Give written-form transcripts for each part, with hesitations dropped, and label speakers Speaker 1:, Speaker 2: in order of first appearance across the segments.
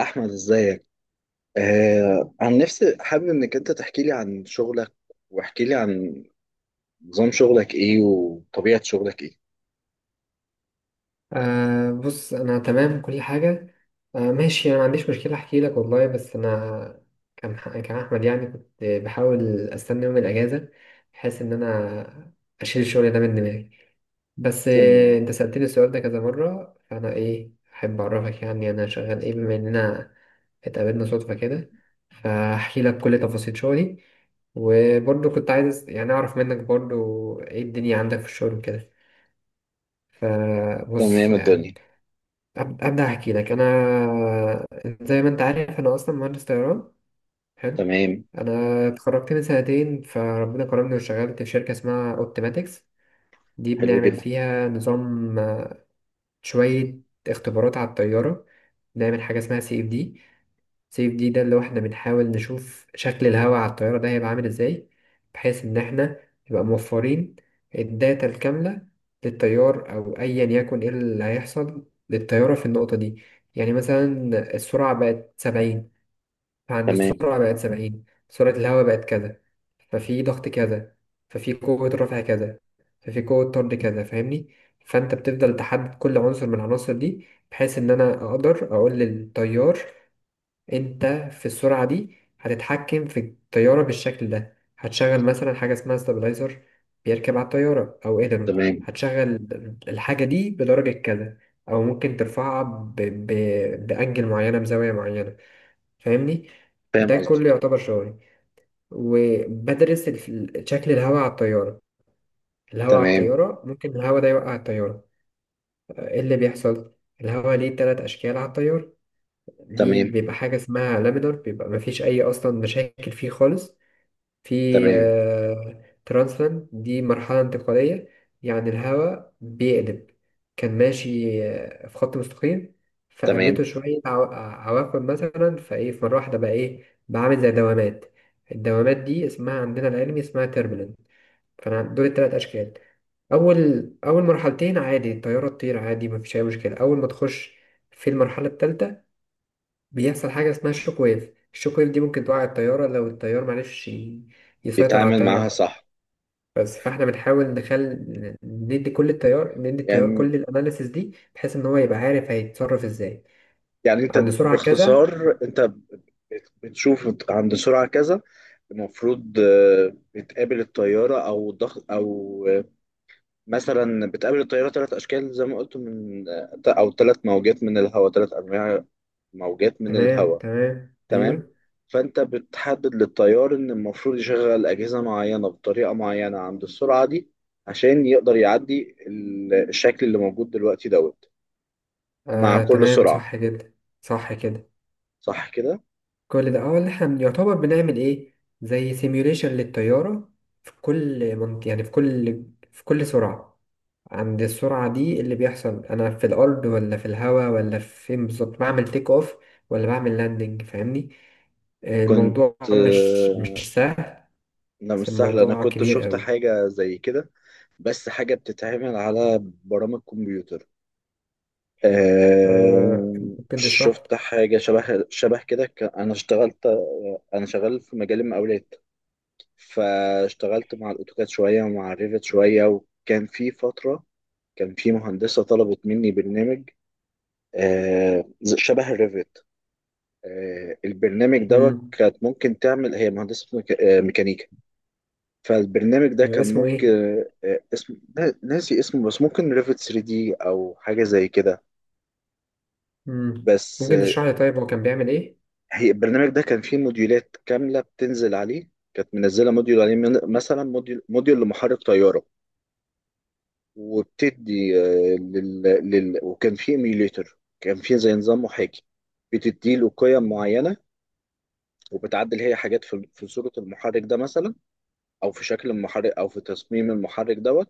Speaker 1: احمد، ازيك؟ عن نفسي، حابب انك انت تحكي لي عن شغلك، واحكي لي عن نظام شغلك ايه، وطبيعة شغلك ايه؟
Speaker 2: بص، انا تمام كل حاجه. آه، ماشي، انا ما عنديش مشكله احكي لك والله، بس انا كان احمد، يعني كنت بحاول استنى يوم الاجازه بحيث ان انا اشيل الشغل ده من دماغي. بس
Speaker 1: تمام.
Speaker 2: انت سالتني السؤال ده كذا مره، فانا ايه احب اعرفك، يعني انا شغال ايه، بما اننا اتقابلنا صدفه كده فاحكي لك كل تفاصيل شغلي. وبرضه كنت عايز يعني اعرف منك برضه ايه الدنيا عندك في الشغل وكده. فبص
Speaker 1: تمام
Speaker 2: يعني
Speaker 1: الدنيا.
Speaker 2: أبدأ أحكي لك أنا، زي ما أنت عارف أنا أصلا مهندس طيران. حلو.
Speaker 1: تمام.
Speaker 2: أنا اتخرجت من سنتين فربنا كرمني واشتغلت في شركة اسمها أوبتيماتكس. دي
Speaker 1: حلو
Speaker 2: بنعمل
Speaker 1: جدا.
Speaker 2: فيها نظام، شوية اختبارات على الطيارة. بنعمل حاجة اسمها CFD. سيف دي ده اللي هو احنا بنحاول نشوف شكل الهواء على الطيارة ده هيبقى عامل ازاي، بحيث ان احنا نبقى موفرين الداتا الكاملة للطيار او ايا يكن ايه اللي هيحصل للطيارة في النقطة دي. يعني مثلا السرعة بقت 70، فعند
Speaker 1: تمام.
Speaker 2: السرعة بقت 70 سرعة الهواء بقت كذا، ففي ضغط كذا، ففي قوة رفع كذا، ففي قوة طرد كذا. فاهمني؟ فانت بتفضل تحدد كل عنصر من العناصر دي بحيث ان انا اقدر اقول للطيار انت في السرعة دي هتتحكم في الطيارة بالشكل ده، هتشغل مثلا حاجة اسمها ستابلايزر بيركب على الطيارة او ايدرون.
Speaker 1: تمام.
Speaker 2: هتشغل الحاجة دي بدرجة كذا، او ممكن ترفعها بأنجل معينة، بزاوية معينة. فاهمني؟
Speaker 1: فاهم
Speaker 2: ده كله
Speaker 1: قصدك.
Speaker 2: يعتبر شغلي، وبدرس شكل الهواء على الطيارة. الهواء على
Speaker 1: تمام.
Speaker 2: الطيارة ممكن الهواء ده يوقع الطيارة. ايه اللي بيحصل؟ الهواء ليه 3 أشكال على الطيارة. ليه
Speaker 1: تمام.
Speaker 2: بيبقى حاجة اسمها لامينار، بيبقى مفيش أي أصلا مشاكل فيه خالص. في
Speaker 1: تمام.
Speaker 2: ترانسلاند، دي مرحلة انتقالية، يعني الهواء بيقلب. كان ماشي في خط مستقيم،
Speaker 1: تمام.
Speaker 2: فقابلته شوية عواقب مثلا، فإيه، في مرة واحدة بقى إيه، بقى عامل زي دوامات. الدوامات دي اسمها عندنا العلمي اسمها تربلنت. فأنا دول التلات أشكال. أول مرحلتين عادي الطيارة تطير عادي مفيش أي مشكلة. أول ما تخش في المرحلة التالتة بيحصل حاجة اسمها الشوك ويف. الشوك ويف دي ممكن توقع الطيارة لو الطيار معرفش يسيطر على
Speaker 1: يتعامل معاها
Speaker 2: الطيارة.
Speaker 1: صح.
Speaker 2: بس فاحنا بنحاول ندي كل التيار، ندي التيار
Speaker 1: يعني
Speaker 2: كل الاناليسيس دي بحيث ان هو يبقى عارف هيتصرف ازاي.
Speaker 1: يعني انت
Speaker 2: عند سرعة كذا.
Speaker 1: باختصار، انت بتشوف عند سرعة كذا. المفروض بتقابل الطيارة او الضغط او مثلا بتقابل الطيارة ثلاث أشكال، زي ما قلت من أو ثلاث موجات من الهواء، ثلاث أنواع موجات من
Speaker 2: تمام،
Speaker 1: الهواء.
Speaker 2: تمام،
Speaker 1: تمام.
Speaker 2: ايوه.
Speaker 1: فأنت بتحدد للطيار إن المفروض يشغل أجهزة معينة بطريقة معينة عند السرعة دي، عشان يقدر يعدي الشكل اللي موجود دلوقتي دوت، مع
Speaker 2: آه،
Speaker 1: كل
Speaker 2: تمام،
Speaker 1: سرعة.
Speaker 2: صح جدا. صح كده.
Speaker 1: صح كده؟
Speaker 2: كل ده اه اللي احنا يعتبر بنعمل ايه، زي سيميوليشن للطيارة في كل منطقة، يعني في كل، في كل سرعة. عند السرعة دي اللي بيحصل أنا في الأرض ولا في الهواء ولا فين بالظبط، بعمل تيك أوف ولا بعمل لاندنج. فاهمني؟
Speaker 1: كنت
Speaker 2: الموضوع مش سهل.
Speaker 1: أنا مش
Speaker 2: بس
Speaker 1: سهل، أنا
Speaker 2: الموضوع
Speaker 1: كنت
Speaker 2: كبير
Speaker 1: شفت
Speaker 2: قوي.
Speaker 1: حاجة زي كده. بس حاجة بتتعمل على برامج كمبيوتر.
Speaker 2: أه. ممكن تشرح لي.
Speaker 1: شفت حاجة شبه شبه كده، أنا اشتغلت. أنا شغال في مجال المقاولات، فاشتغلت مع الأوتوكاد شوية ومع الريفت شوية، وكان في فترة كان في مهندسة طلبت مني برنامج. شبه الريفت. البرنامج دوت
Speaker 2: مم.
Speaker 1: كانت ممكن تعمل، هي مهندسة ميكانيكا. فالبرنامج ده كان
Speaker 2: اسمه
Speaker 1: ممكن.
Speaker 2: إيه؟
Speaker 1: اسم ناسي اسمه، بس ممكن ريفت 3 دي أو حاجة زي كده.
Speaker 2: مم.
Speaker 1: بس
Speaker 2: ممكن تشرح لي، طيب هو كان بيعمل إيه؟
Speaker 1: هي البرنامج ده كان فيه موديولات كاملة بتنزل عليه، كانت منزلة موديول عليه مثلا، موديول لمحرك طيارة. وبتدي وكان فيه ايميوليتر، كان فيه زي نظام محاكي. بتدي له قيم معينة، وبتعدل هي حاجات في صورة المحرك ده مثلا، أو في شكل المحرك، أو في تصميم المحرك دوت.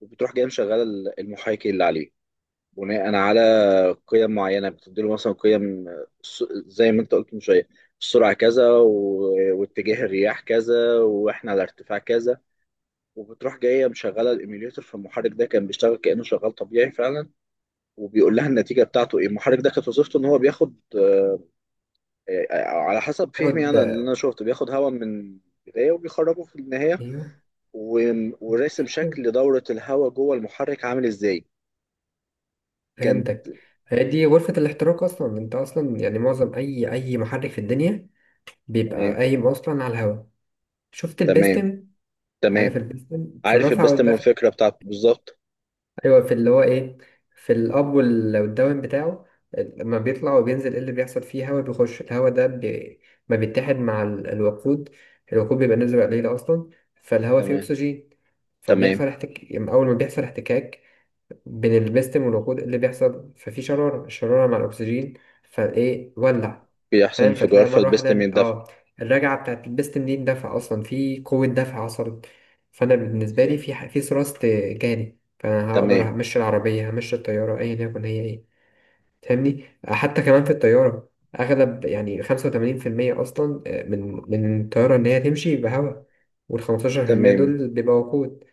Speaker 1: وبتروح جاي مشغلة المحاكي اللي عليه، بناء على قيم معينه. بتديله مثلا قيم، زي ما انت قلت من شويه، السرعه كذا، واتجاه الرياح كذا، واحنا على ارتفاع كذا. وبتروح جايه مشغله الايميوليتر في المحرك ده، كان بيشتغل كانه شغال طبيعي فعلا. وبيقول لها النتيجه بتاعته ايه. المحرك ده كانت وظيفته ان هو بياخد، على حسب فهمي
Speaker 2: ياخد.
Speaker 1: انا، اللي انا شفته، بياخد هواء من البدايه وبيخرجه في النهايه،
Speaker 2: أيوه.
Speaker 1: وراسم شكل دوره الهواء جوه المحرك عامل ازاي. كان
Speaker 2: فهمتك. هي دي غرفة الاحتراق أصلا، أنت أصلا يعني معظم أي محرك في الدنيا بيبقى
Speaker 1: تمام.
Speaker 2: قايم أصلا على الهواء. شفت
Speaker 1: تمام.
Speaker 2: البستم؟ عارف
Speaker 1: تمام.
Speaker 2: البستن في
Speaker 1: عارف
Speaker 2: الرفع
Speaker 1: البيست من،
Speaker 2: والدفع؟
Speaker 1: الفكرة بتاعته بالظبط.
Speaker 2: ايوه، في اللي هو ايه، في الاب والداون بتاعه، لما بيطلع وبينزل ايه اللي بيحصل فيه؟ هوا بيخش، الهوا ده ما بيتحد مع الوقود. الوقود بيبقى نسبة قليلة اصلا، فالهوا فيه
Speaker 1: تمام.
Speaker 2: اكسجين.
Speaker 1: تمام.
Speaker 2: أما اول ما بيحصل احتكاك بين البستم والوقود اللي بيحصل ففي شرارة، الشرارة مع الأكسجين فإيه ولع.
Speaker 1: بيحصل
Speaker 2: فاهم؟
Speaker 1: انفجار
Speaker 2: فتلاقي مرة
Speaker 1: فالبيست
Speaker 2: واحدة
Speaker 1: من يندفع
Speaker 2: الرجعة بتاعت البستم دي اندفع، أصلا في قوة دفع حصلت. فأنا بالنسبة لي
Speaker 1: بالظبط.
Speaker 2: في في ثراست جالي، فأنا هقدر
Speaker 1: تمام.
Speaker 2: همشي العربية، همشي الطيارة أيا يكن هي إيه. فاهمني؟ حتى كمان في الطيارة أغلب يعني 85% أصلا، من الطيارة إن هي تمشي بهواء، والخمستاشر في المية
Speaker 1: تمام.
Speaker 2: دول بيبقى وقود.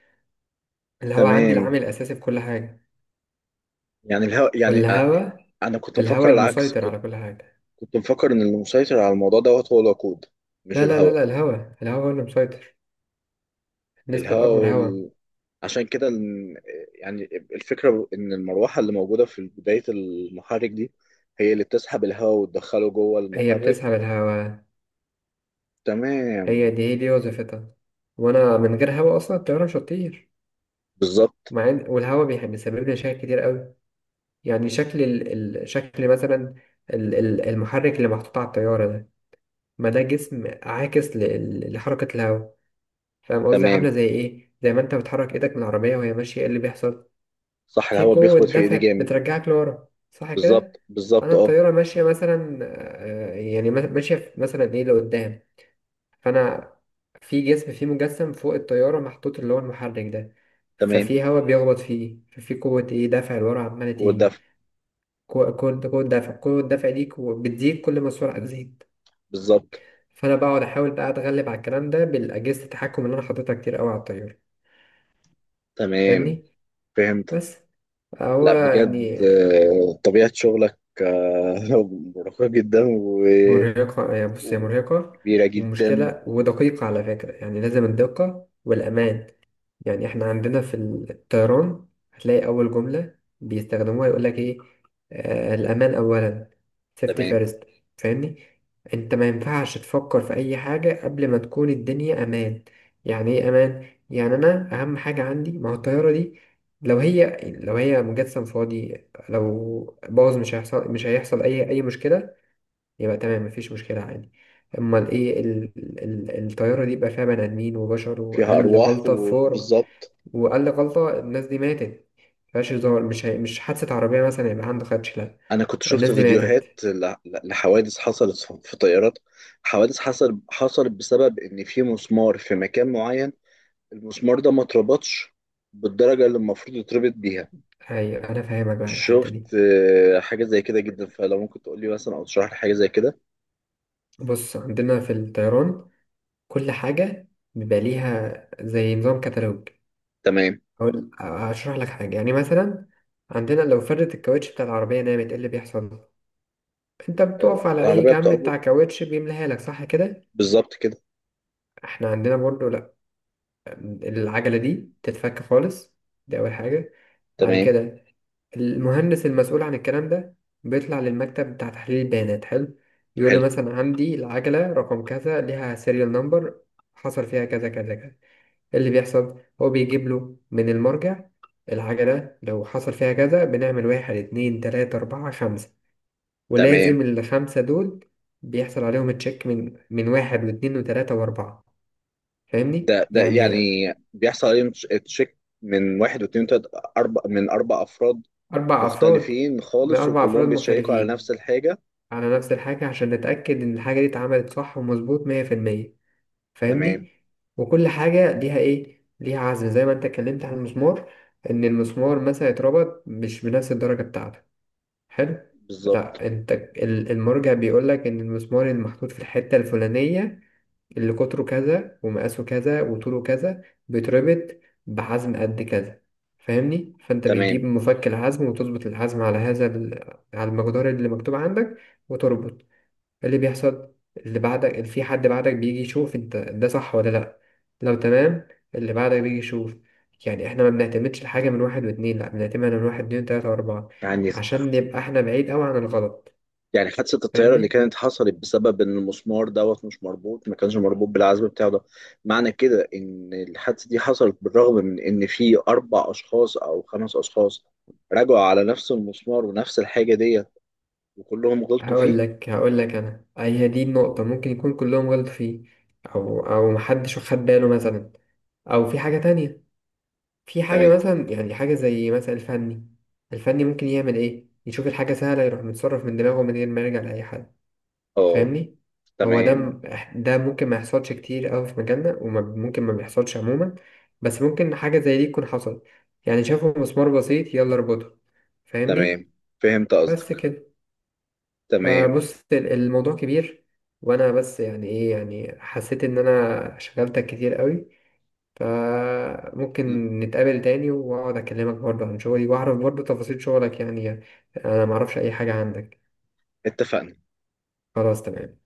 Speaker 2: الهواء عندي
Speaker 1: تمام.
Speaker 2: العامل الأساسي في كل حاجة.
Speaker 1: يعني يعني
Speaker 2: والهوا،
Speaker 1: أنا كنت
Speaker 2: الهوا
Speaker 1: مفكر العكس،
Speaker 2: المسيطر
Speaker 1: كنت
Speaker 2: على كل حاجة.
Speaker 1: كنت مفكر إن المسيطر على الموضوع دوت هو الوقود، مش
Speaker 2: لا لا لا
Speaker 1: الهواء.
Speaker 2: لا، الهوا، الهوا هو اللي مسيطر. النسبة
Speaker 1: الهواء
Speaker 2: الأكبر هوا.
Speaker 1: عشان كده يعني الفكرة إن المروحة اللي موجودة في بداية المحرك دي هي اللي بتسحب الهواء وتدخله جوه
Speaker 2: هي بتسحب
Speaker 1: المحرك.
Speaker 2: الهوا. هي
Speaker 1: تمام.
Speaker 2: دي هي دي وظيفتها. وأنا من غير هوا أصلا الطيارة مش هتطير.
Speaker 1: بالظبط.
Speaker 2: مع إن والهوا بيسبب لي مشاكل كتير قوي. يعني شكل ال... ال... شكل مثلا ال... المحرك اللي محطوط على الطيارة ده، ما ده جسم عاكس ل... لحركة الهوا. فاهم قصدي؟ عاملة
Speaker 1: تمام.
Speaker 2: زي إيه؟ زي ما أنت بتحرك إيدك من العربية وهي ماشية إيه اللي بيحصل؟
Speaker 1: صح،
Speaker 2: في
Speaker 1: الهواء
Speaker 2: قوة
Speaker 1: بيخبط في
Speaker 2: دفع
Speaker 1: إيدي جامد.
Speaker 2: بترجعك لورا صح
Speaker 1: بالظبط،
Speaker 2: كده؟ أنا
Speaker 1: بالظبط، اه.
Speaker 2: الطيارة ماشية مثلا يعني ماشية في مثلا إيه لقدام، فأنا في جسم، فيه مجسم فوق الطيارة محطوط اللي هو المحرك ده،
Speaker 1: تمام.
Speaker 2: ففي هواء بيخبط فيه، ففي قوة إيه دفع لورا عمالة
Speaker 1: قوة
Speaker 2: تيجي.
Speaker 1: دفع.
Speaker 2: قوة دفع، قوة الدفع دي بتزيد كل ما السرعة تزيد.
Speaker 1: بالظبط.
Speaker 2: فأنا بقعد أحاول بقى أتغلب على الكلام ده بالأجهزة التحكم اللي أنا حاططها كتير أوي على الطيارة.
Speaker 1: تمام.
Speaker 2: فاهمني؟
Speaker 1: فهمتك.
Speaker 2: بس. هو
Speaker 1: لا
Speaker 2: يعني،
Speaker 1: بجد، طبيعة شغلك مرهقة جدا، و-
Speaker 2: مرهقة. هي بص هي مرهقة
Speaker 1: وكبيرة جدا.
Speaker 2: ومشكلة، ودقيقة على فكرة، يعني لازم الدقة والأمان. يعني احنا عندنا في الطيران هتلاقي أول جملة بيستخدموها يقولك ايه، آه الأمان أولا، safety
Speaker 1: تمام.
Speaker 2: first. فاهمني؟ انت ما ينفعش تفكر في أي حاجة قبل ما تكون الدنيا أمان. يعني ايه أمان؟ يعني أنا أهم حاجة عندي ما هو الطيارة دي، لو هي مجسم فاضي، لو باظ مش هيحصل، مش هيحصل أي مشكلة، يبقى تمام مفيش مشكلة عادي. أمال إيه ال... ال... الطيارة دي بقى فيها بني آدمين وبشر،
Speaker 1: فيها
Speaker 2: وأقل
Speaker 1: أرواح،
Speaker 2: غلطة فور،
Speaker 1: وبالظبط.
Speaker 2: وأقل غلطة الناس دي ماتت. مفيهاش هزار، مش حادثة عربية مثلا يبقى عنده خدش، لأ،
Speaker 1: أنا كنت شفت
Speaker 2: الناس دي
Speaker 1: فيديوهات
Speaker 2: ماتت.
Speaker 1: لحوادث حصلت في طيارات، حوادث حصلت بسبب إن في مسمار في مكان معين، المسمار ده ما اتربطش بالدرجة اللي المفروض يتربط بيها.
Speaker 2: أيوة، أنا فاهمك بقى الحتة دي.
Speaker 1: شفت حاجة زي كده جدا، فلو ممكن تقول لي مثلا أو تشرح لي حاجة زي كده.
Speaker 2: بص، عندنا في الطيران كل حاجة بيبقى ليها زي نظام كتالوج.
Speaker 1: تمام.
Speaker 2: هشرح لك حاجة يعني مثلا. عندنا لو فردت الكاوتش بتاع العربية نامت إيه اللي بيحصل؟ أنت بتقف على أي
Speaker 1: العربية
Speaker 2: جنب
Speaker 1: بتقف
Speaker 2: بتاع كاوتش بيملاها لك صح كده؟
Speaker 1: بالظبط كده.
Speaker 2: احنا عندنا برضو لا، العجلة دي تتفك خالص. دي أول حاجة. بعد
Speaker 1: تمام.
Speaker 2: كده المهندس المسؤول عن الكلام ده بيطلع للمكتب بتاع تحليل البيانات، حلو، يقول له
Speaker 1: حلو.
Speaker 2: مثلا عندي العجلة رقم كذا ليها سيريال نمبر، حصل فيها كذا كذا كذا. إيه اللي بيحصل هو بيجيب له من المرجع، العجلة لو حصل فيها كذا بنعمل واحد اتنين تلاتة أربعة خمسة،
Speaker 1: تمام.
Speaker 2: ولازم الخمسة دول بيحصل عليهم تشيك من واحد واتنين وتلاتة وأربعة. فاهمني
Speaker 1: ده
Speaker 2: يعني؟
Speaker 1: يعني بيحصل عليهم تشيك من واحد واتنين وتلاتة، أربع من أربع أفراد
Speaker 2: 4 أفراد،
Speaker 1: مختلفين خالص،
Speaker 2: بأربع أفراد
Speaker 1: وكلهم بيتشيكوا على
Speaker 2: مختلفين
Speaker 1: نفس الحاجة.
Speaker 2: على نفس الحاجة عشان نتأكد إن الحاجة دي اتعملت صح ومظبوط 100%.
Speaker 1: تمام.
Speaker 2: فاهمني؟ وكل حاجة ليها إيه؟ ليها عزم، زي ما أنت اتكلمت عن المسمار، إن المسمار مثلا اتربط مش بنفس الدرجة بتاعته. حلو؟
Speaker 1: بالظبط.
Speaker 2: لأ أنت المرجع بيقولك إن المسمار المحطوط في الحتة الفلانية اللي قطره كذا ومقاسه كذا وطوله كذا بيتربط بحزم قد كذا. فاهمني؟ فانت
Speaker 1: تمام.
Speaker 2: بتجيب مفك الحزم وتظبط الحزم على هذا ال... على المقدار اللي مكتوب عندك وتربط. اللي بيحصل اللي بعدك، اللي في حد بعدك بيجي يشوف انت ده صح ولا لا. لو تمام اللي بعدك بيجي يشوف. يعني احنا ما بنعتمدش الحاجة من واحد واتنين، لا بنعتمد من واحد اتنين تلاتة واربعة
Speaker 1: يعني
Speaker 2: عشان نبقى احنا بعيد اوي عن الغلط.
Speaker 1: يعني حادثة الطيارة اللي
Speaker 2: فاهمني؟
Speaker 1: كانت حصلت بسبب إن المسمار دوت مش مربوط، ما كانش مربوط بالعزم بتاعه ده. معنى كده إن الحادثة دي حصلت بالرغم من إن في أربع أشخاص أو خمس أشخاص راجعوا على نفس المسمار ونفس الحاجة ديت، وكلهم غلطوا
Speaker 2: هقول
Speaker 1: فيه.
Speaker 2: لك هقول لك انا، أي هي دي النقطة، ممكن يكون كلهم غلط فيه، او محدش خد باله مثلا، او في حاجة تانية، في حاجة
Speaker 1: تمام.
Speaker 2: مثلا يعني حاجة زي مثلا الفني. الفني ممكن يعمل ايه، يشوف الحاجة سهلة يروح متصرف من دماغه من غير ما يرجع لأي حد.
Speaker 1: أه.
Speaker 2: فاهمني؟ هو ده
Speaker 1: تمام.
Speaker 2: ده ممكن ما يحصلش كتير أوي في مجالنا، وممكن ما بيحصلش عموما. بس ممكن حاجة زي دي تكون حصلت، يعني شافوا مسمار بسيط، يلا اربطه. فاهمني؟
Speaker 1: تمام. فهمت
Speaker 2: بس
Speaker 1: قصدك.
Speaker 2: كده.
Speaker 1: تمام.
Speaker 2: فبص الموضوع كبير، وانا بس يعني ايه، يعني حسيت ان انا شغلتك كتير قوي، فممكن نتقابل تاني واقعد اكلمك برضه عن شغلي واعرف برضه تفاصيل شغلك، يعني يعني انا معرفش اي حاجة عندك.
Speaker 1: اتفقنا.
Speaker 2: خلاص، تمام.